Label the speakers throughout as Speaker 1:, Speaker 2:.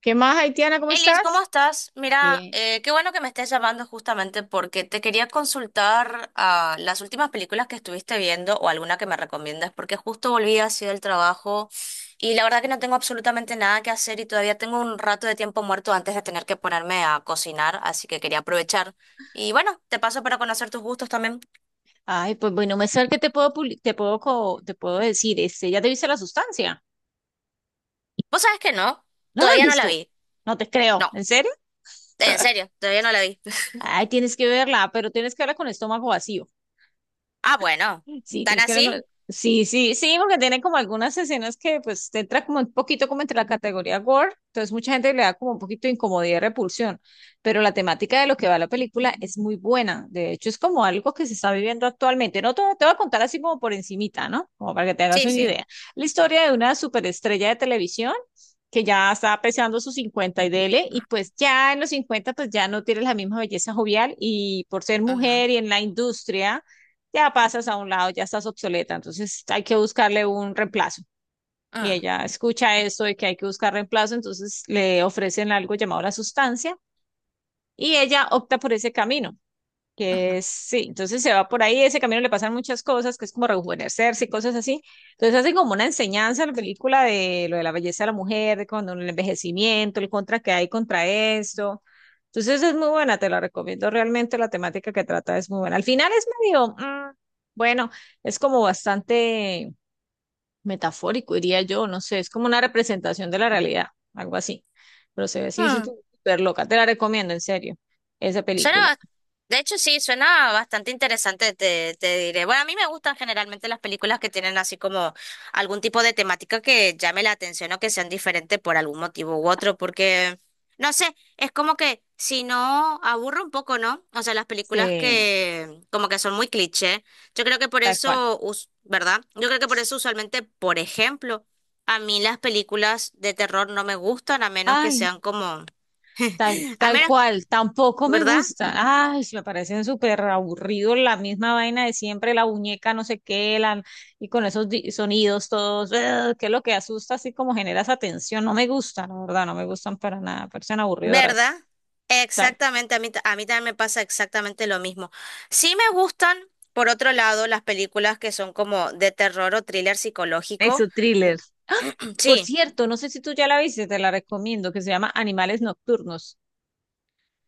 Speaker 1: ¿Qué más, Haitiana? ¿Cómo
Speaker 2: Elis, ¿cómo
Speaker 1: estás?
Speaker 2: estás? Mira,
Speaker 1: Bien.
Speaker 2: qué bueno que me estés llamando justamente porque te quería consultar las últimas películas que estuviste viendo o alguna que me recomiendas, porque justo volví así del trabajo y la verdad que no tengo absolutamente nada que hacer y todavía tengo un rato de tiempo muerto antes de tener que ponerme a cocinar, así que quería aprovechar. Y bueno, te paso para conocer tus gustos también.
Speaker 1: Ay, pues bueno, me saber que te puedo decir, ¿ya te viste la sustancia?
Speaker 2: ¿Vos sabés que no?
Speaker 1: ¿No la has
Speaker 2: Todavía no la
Speaker 1: visto?
Speaker 2: vi.
Speaker 1: No te creo.
Speaker 2: No,
Speaker 1: ¿En serio?
Speaker 2: en serio, todavía no la vi.
Speaker 1: Ay, tienes que verla, pero tienes que verla con estómago vacío.
Speaker 2: Ah, bueno,
Speaker 1: Sí,
Speaker 2: ¿tan así?
Speaker 1: sí, sí, sí, porque tiene como algunas escenas que pues te entra como un poquito como entre la categoría gore, entonces mucha gente le da como un poquito de incomodidad y repulsión, pero la temática de lo que va la película es muy buena, de hecho es como algo que se está viviendo actualmente, no te, te voy a contar así como por encimita, ¿no? Como para que te hagas
Speaker 2: Sí,
Speaker 1: una
Speaker 2: sí.
Speaker 1: idea. La historia de una superestrella de televisión que ya está pesando sus 50 y dele, y pues ya en los 50 pues ya no tiene la misma belleza jovial y por ser
Speaker 2: Ajá.
Speaker 1: mujer y en la industria ya pasas a un lado, ya estás obsoleta, entonces hay que buscarle un reemplazo. Y ella escucha esto de que hay que buscar reemplazo, entonces le ofrecen algo llamado la sustancia y ella opta por ese camino. Sí, entonces se va por ahí, ese camino le pasan muchas cosas, que es como rejuvenecerse y cosas así. Entonces hacen como una enseñanza a la película de lo de la belleza de la mujer, de cuando el envejecimiento, el contra que hay contra esto. Entonces es muy buena, te la recomiendo realmente, la temática que trata es muy buena. Al final es medio, bueno, es como bastante metafórico, diría yo, no sé, es como una representación de la realidad, algo así. Pero se ve así,
Speaker 2: Mm.
Speaker 1: súper loca, te la recomiendo, en serio, esa
Speaker 2: Suena,
Speaker 1: película.
Speaker 2: bas- de hecho sí, suena bastante interesante, te diré. Bueno, a mí me gustan generalmente las películas que tienen así como algún tipo de temática que llame la atención o que sean diferentes por algún motivo u otro, porque no sé, es como que si no, aburre un poco, ¿no? O sea, las películas
Speaker 1: Sí,
Speaker 2: que como que son muy cliché. Yo creo que por
Speaker 1: tal cual.
Speaker 2: eso, us- ¿Verdad? Yo creo que por eso usualmente, por ejemplo, a mí las películas de terror no me gustan a menos que
Speaker 1: Ay,
Speaker 2: sean como, a
Speaker 1: tal
Speaker 2: menos,
Speaker 1: cual, tampoco me
Speaker 2: ¿verdad?
Speaker 1: gusta. Ay, me parecen súper aburridos la misma vaina de siempre, la muñeca no sé qué, la, y con esos sonidos todos, ugh, que es lo que asusta, así como genera esa tensión. No me gustan, la verdad, no me gustan para nada, parecen aburridoras.
Speaker 2: ¿Verdad?
Speaker 1: Tal.
Speaker 2: Exactamente, a mí también me pasa exactamente lo mismo. Sí me gustan, por otro lado, las películas que son como de terror o thriller psicológico.
Speaker 1: Eso, thriller. Por
Speaker 2: Sí,
Speaker 1: cierto, no sé si tú ya la viste, te la recomiendo, que se llama Animales Nocturnos.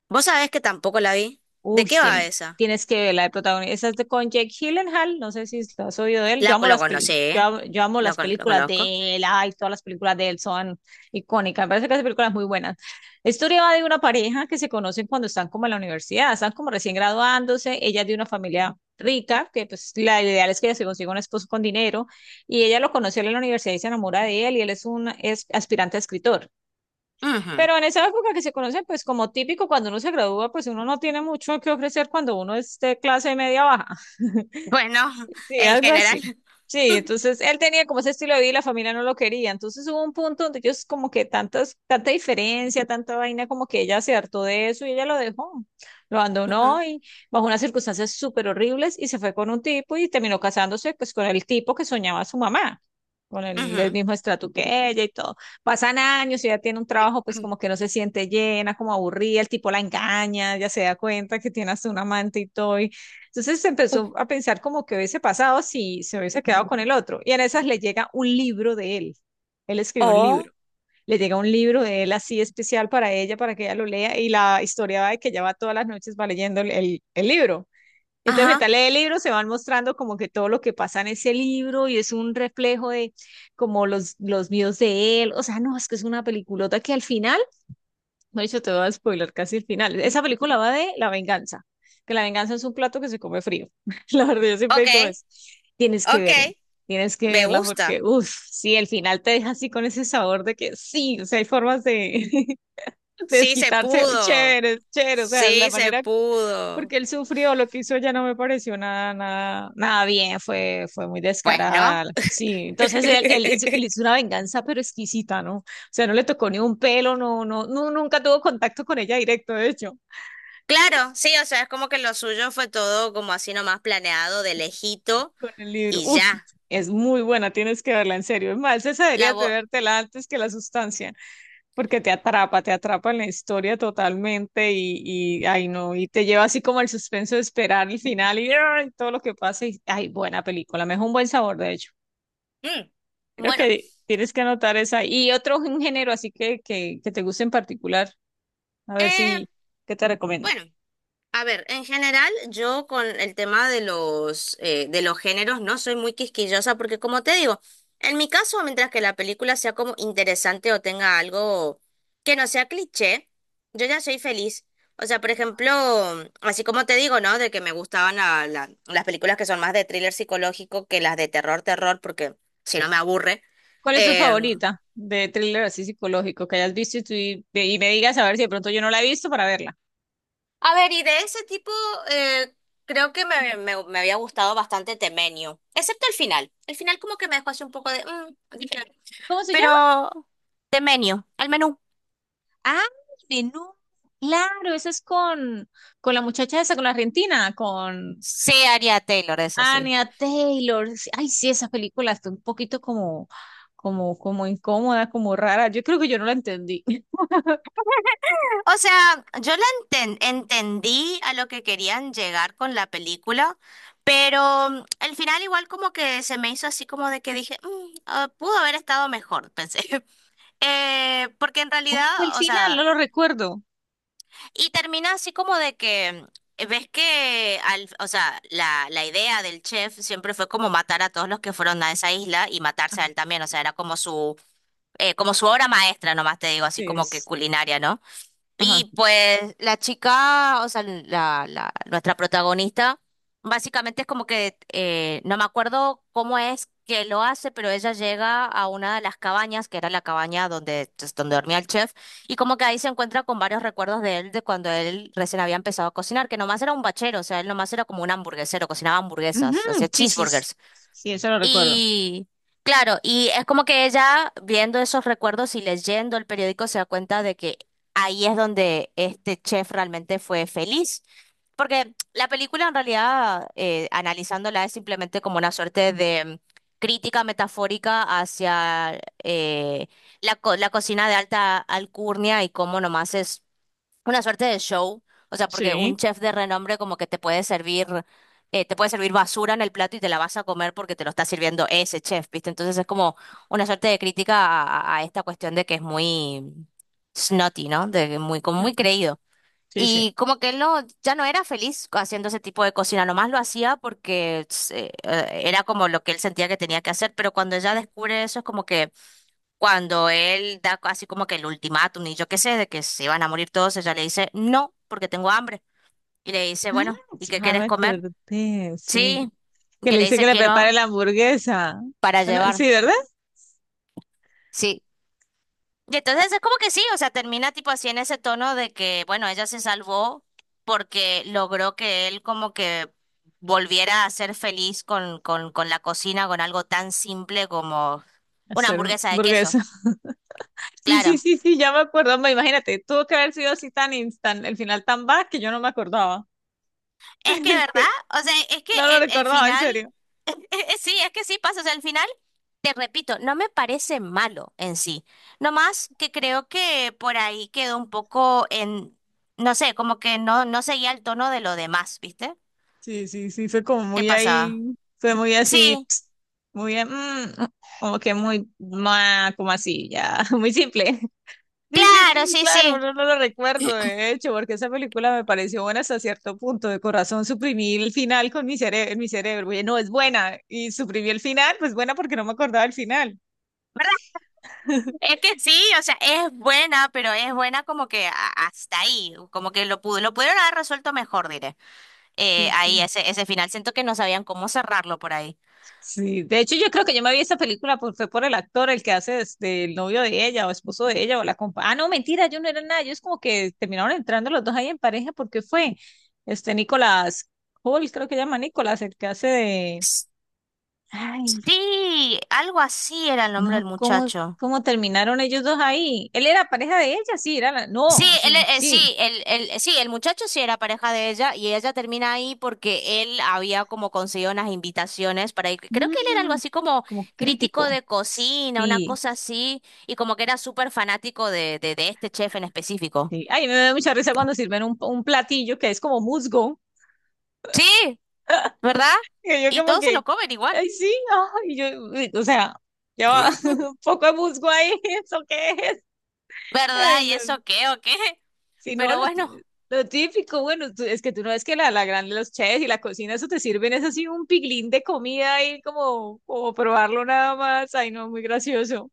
Speaker 2: vos sabés que tampoco la vi. ¿De
Speaker 1: Uy,
Speaker 2: qué va esa?
Speaker 1: tienes que ver la de protagonista. Esa es de con Jake Gyllenhaal. No sé si lo has oído de él.
Speaker 2: Lo conocí, ¿eh?
Speaker 1: Yo amo las
Speaker 2: Lo
Speaker 1: películas
Speaker 2: conozco.
Speaker 1: de él. Ay, todas las películas de él son icónicas. Me parece que hace películas muy buenas. La historia va de una pareja que se conocen cuando están como en la universidad. Están como recién graduándose. Ella es de una familia rica, que pues la ideal es que ella se consiga un esposo con dinero. Y ella lo conoció en la universidad y se enamora de él. Y él es aspirante a escritor.
Speaker 2: Ujú.
Speaker 1: Pero en esa época que se conocen, pues como típico, cuando uno se gradúa, pues uno no tiene mucho que ofrecer cuando uno es de clase media baja.
Speaker 2: Bueno,
Speaker 1: Sí,
Speaker 2: en
Speaker 1: algo así.
Speaker 2: general.
Speaker 1: Sí, entonces él tenía como ese estilo de vida y la familia no lo quería. Entonces hubo un punto donde ellos como que tanta diferencia, tanta vaina, como que ella se hartó de eso y ella lo dejó. Lo
Speaker 2: Ujú,
Speaker 1: abandonó y bajo unas circunstancias súper horribles y se fue con un tipo y terminó casándose pues con el tipo que soñaba su mamá, con el
Speaker 2: ujú.
Speaker 1: mismo estrato que ella y todo. Pasan años y ella tiene un trabajo pues como que no se siente llena, como aburrida, el tipo la engaña, ya se da cuenta que tiene hasta un amante y todo entonces se
Speaker 2: Uf.
Speaker 1: empezó a pensar como que hubiese pasado si se hubiese quedado con el otro. Y en esas le llega un libro de él. Él escribió un
Speaker 2: Oh,
Speaker 1: libro. Le llega un libro de él así especial para ella, para que ella lo lea. Y la historia va de que ella va todas las noches va leyendo el libro. Entonces, mientras
Speaker 2: ajá.
Speaker 1: lee el libro, se van mostrando como que todo lo que pasa en ese libro y es un reflejo de como los míos de él. O sea, no, es que es una peliculota que al final no, yo te voy a spoiler casi el final. Esa película va de la venganza, que la venganza es un plato que se come frío. La verdad, yo siempre
Speaker 2: Ok,
Speaker 1: digo eso. Tienes que
Speaker 2: ok.
Speaker 1: verla, tienes que
Speaker 2: Me
Speaker 1: verla porque,
Speaker 2: gusta.
Speaker 1: uff, sí, el final te deja así con ese sabor de que sí, o sea, hay formas de, de
Speaker 2: Sí se
Speaker 1: desquitarse
Speaker 2: pudo.
Speaker 1: chéveres, chéveres, o sea, la
Speaker 2: Sí se
Speaker 1: manera
Speaker 2: pudo.
Speaker 1: porque él sufrió, lo que hizo ya no me pareció nada, nada, nada bien, fue muy
Speaker 2: Pues
Speaker 1: descarada.
Speaker 2: no.
Speaker 1: Sí, entonces él hizo una venganza pero exquisita, ¿no? O sea, no le tocó ni un pelo, no, no, no, nunca tuvo contacto con ella directo, de hecho,
Speaker 2: Claro, sí, o sea, es como que lo suyo fue todo como así nomás planeado de lejito
Speaker 1: con el libro.
Speaker 2: y
Speaker 1: Uf,
Speaker 2: ya.
Speaker 1: es muy buena, tienes que verla en serio. Es más, esa
Speaker 2: La
Speaker 1: deberías de
Speaker 2: voz...
Speaker 1: vértela antes que la sustancia, porque te atrapa en la historia totalmente y ay no, y te lleva así como el suspenso de esperar el final y, ay, todo lo que pasa. Y, ay, buena película, me dejó un buen sabor, de hecho. Creo
Speaker 2: Bueno,
Speaker 1: que tienes que anotar esa. Y otro género así que te guste en particular. A ver
Speaker 2: eh,
Speaker 1: si, ¿qué te recomiendo?
Speaker 2: bueno. A ver, en general, yo con el tema de de los géneros no soy muy quisquillosa porque, como te digo, en mi caso, mientras que la película sea como interesante o tenga algo que no sea cliché, yo ya soy feliz. O sea, por ejemplo, así como te digo, ¿no? De que me gustaban la- la- las películas que son más de thriller psicológico que las de terror, terror, porque si no me aburre.
Speaker 1: ¿Cuál es tu
Speaker 2: Em,
Speaker 1: favorita de thriller así psicológico que hayas visto y me digas a ver si de pronto yo no la he visto para verla?
Speaker 2: A ver, y de ese tipo, eh, creo que me había gustado bastante Temenio, excepto el final. El final como que me dejó así un poco de... dije,
Speaker 1: ¿Cómo se llama?
Speaker 2: pero Temenio, al menú.
Speaker 1: Ah, menú. Claro, esa es con la muchacha esa, con la argentina, con
Speaker 2: Sí, Aria Taylor, eso sí.
Speaker 1: Anya Taylor. Sí, ay, sí, esa película está un poquito como, incómoda, como rara. Yo creo que yo no la entendí.
Speaker 2: O sea, yo entendí a lo que querían llegar con la película, pero el final igual como que se me hizo así como de que dije, "Mm, ah, pudo haber estado mejor, pensé". Porque en
Speaker 1: ¿Cómo fue el
Speaker 2: realidad, o
Speaker 1: final?
Speaker 2: sea...
Speaker 1: No lo recuerdo.
Speaker 2: Y termina así como de que ves que o sea, la idea del chef siempre fue como matar a todos los que fueron a esa isla y matarse a él también. O sea, era como su obra maestra, nomás te digo,
Speaker 1: Sí,
Speaker 2: así como que
Speaker 1: es-
Speaker 2: culinaria, ¿no?
Speaker 1: ajá.
Speaker 2: Y pues la chica, o sea, nuestra protagonista, básicamente es como que, no me acuerdo cómo es que lo hace, pero ella llega a una de las cabañas, que era la cabaña donde, pues, donde dormía el chef, y como que ahí se encuentra con varios recuerdos de él, de cuando él recién había empezado a cocinar, que nomás era un bachero, o sea, él nomás era como un hamburguesero, cocinaba hamburguesas,
Speaker 1: Ujú,
Speaker 2: hacía
Speaker 1: sí, sí, sí,
Speaker 2: cheeseburgers.
Speaker 1: sí, eso lo recuerdo.
Speaker 2: Y claro, y es como que ella viendo esos recuerdos y leyendo el periódico se da cuenta de que ahí es donde este chef realmente fue feliz. Porque la película en realidad, analizándola, es simplemente como una suerte de crítica metafórica hacia la cocina de alta alcurnia y cómo nomás es una suerte de show, o sea, porque un
Speaker 1: Sí,
Speaker 2: chef de renombre como que te puede servir basura en el plato y te la vas a comer porque te lo está sirviendo ese chef, ¿viste? Entonces es como una suerte de crítica a esta cuestión de que es muy snotty, ¿no? De que muy, como
Speaker 1: mm,
Speaker 2: muy creído.
Speaker 1: sí, sí.
Speaker 2: Y como que él no, ya no era feliz haciendo ese tipo de cocina, nomás lo hacía porque era como lo que él sentía que tenía que hacer, pero cuando ella descubre eso es como que cuando él da así como que el ultimátum y yo qué sé, de que se iban a morir todos, ella le dice, no, porque tengo hambre. Y le dice,
Speaker 1: Ah,
Speaker 2: bueno, ¿y qué
Speaker 1: ya me
Speaker 2: quieres comer?
Speaker 1: acordé, sí.
Speaker 2: Sí. Y
Speaker 1: Que
Speaker 2: que
Speaker 1: le
Speaker 2: le
Speaker 1: dice que
Speaker 2: dice,
Speaker 1: le prepare
Speaker 2: quiero
Speaker 1: la hamburguesa.
Speaker 2: para
Speaker 1: Bueno,
Speaker 2: llevar.
Speaker 1: sí, ¿verdad?
Speaker 2: Sí. Y entonces es como que sí, o sea, termina tipo así en ese tono de que, bueno, ella se salvó porque logró que él como que volviera a ser feliz con la cocina, con algo tan simple como una
Speaker 1: Hacer un
Speaker 2: hamburguesa de queso.
Speaker 1: hamburguesa. Sí, sí,
Speaker 2: Claro.
Speaker 1: sí, sí, ya me acuerdo. Me imagínate, tuvo que haber sido así tan instant, el final tan bad que yo no me acordaba.
Speaker 2: Es que, ¿verdad?
Speaker 1: Que
Speaker 2: O sea, es que
Speaker 1: no lo
Speaker 2: el
Speaker 1: recordaba, en
Speaker 2: final,
Speaker 1: serio.
Speaker 2: sí, es que sí pasa. O sea, el final, te repito, no me parece malo en sí. Nomás que creo que por ahí quedó un poco en, no sé, como que no, no seguía el tono de lo demás, ¿viste?
Speaker 1: Sí, sí, sí, fue como
Speaker 2: ¿Qué
Speaker 1: muy
Speaker 2: pasaba?
Speaker 1: ahí, fue muy así,
Speaker 2: Sí,
Speaker 1: muy como que muy, ma como así, ya, muy simple. Sí, sí,
Speaker 2: claro,
Speaker 1: sí,
Speaker 2: sí,
Speaker 1: claro,
Speaker 2: sí.
Speaker 1: no, no lo recuerdo, de hecho, porque esa película me pareció buena hasta cierto punto. De corazón suprimí el final con mi cerebro, mi cerebro. Oye, no, es buena. Y suprimí el final, pues buena porque no me acordaba el final.
Speaker 2: ¿Verdad? Es que sí, o sea, es buena, pero es buena como que hasta ahí, como que lo pudo, lo pudieron haber resuelto mejor, diré.
Speaker 1: Sí, sí.
Speaker 2: Ese final, siento que no sabían cómo cerrarlo por ahí.
Speaker 1: Sí, de hecho, yo creo que yo me vi esa película por, fue por el actor, el que hace este, el novio de ella o esposo de ella o la compa. Ah, no, mentira, yo no era nada. Ellos como que terminaron entrando los dos ahí en pareja porque fue este Nicolás Hall, creo que llama Nicolás, el que hace de. Ay,
Speaker 2: Sí, algo así era el nombre
Speaker 1: no,
Speaker 2: del muchacho.
Speaker 1: cómo terminaron ellos dos ahí? Él era pareja de ella, sí, era la...
Speaker 2: Sí,
Speaker 1: No,
Speaker 2: él,
Speaker 1: sí, sí.
Speaker 2: sí, el, Sí, el muchacho sí era pareja de ella y ella termina ahí porque él había como conseguido unas invitaciones para ir. Creo que él era algo
Speaker 1: Mm,
Speaker 2: así como
Speaker 1: como
Speaker 2: crítico
Speaker 1: crítico.
Speaker 2: de cocina, una
Speaker 1: Sí,
Speaker 2: cosa así, y como que era súper fanático de este chef en específico.
Speaker 1: sí. Ay, me da mucha risa cuando sirven un platillo que es como musgo.
Speaker 2: Sí, ¿verdad?
Speaker 1: Y yo
Speaker 2: Y
Speaker 1: como
Speaker 2: todos se
Speaker 1: que,
Speaker 2: lo comen igual.
Speaker 1: ay, sí, ay, yo, o sea, ya va, un poco de musgo ahí, ¿eso qué es?
Speaker 2: ¿Verdad?
Speaker 1: Ay,
Speaker 2: ¿Y
Speaker 1: no.
Speaker 2: eso qué o qué?
Speaker 1: Si no,
Speaker 2: Pero bueno,
Speaker 1: lo típico, bueno, es que tú no ves que los chefs y la cocina, eso te sirven, es así un piglín de comida ahí como probarlo nada más. Ay, no, muy gracioso.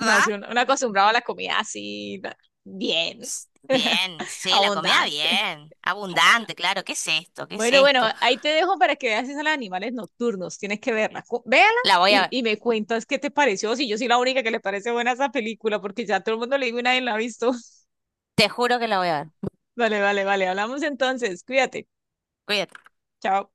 Speaker 1: No, soy un acostumbrado a la comida así, na- bien,
Speaker 2: S- Bien, sí, la comida
Speaker 1: abundante.
Speaker 2: bien. Abundante, claro. ¿Qué es esto? ¿Qué es
Speaker 1: Bueno, bueno,
Speaker 2: esto?
Speaker 1: ahí te dejo para que veas esos animales nocturnos. Tienes que verla. Véala
Speaker 2: La voy a ver.
Speaker 1: y me cuentas qué te pareció. Si yo soy la única que le parece buena esa película, porque ya todo el mundo le digo y nadie la ha visto.
Speaker 2: Te juro que la voy a ver.
Speaker 1: Vale, vale, vale. Hablamos entonces. Cuídate.
Speaker 2: Cuídate.
Speaker 1: Chao.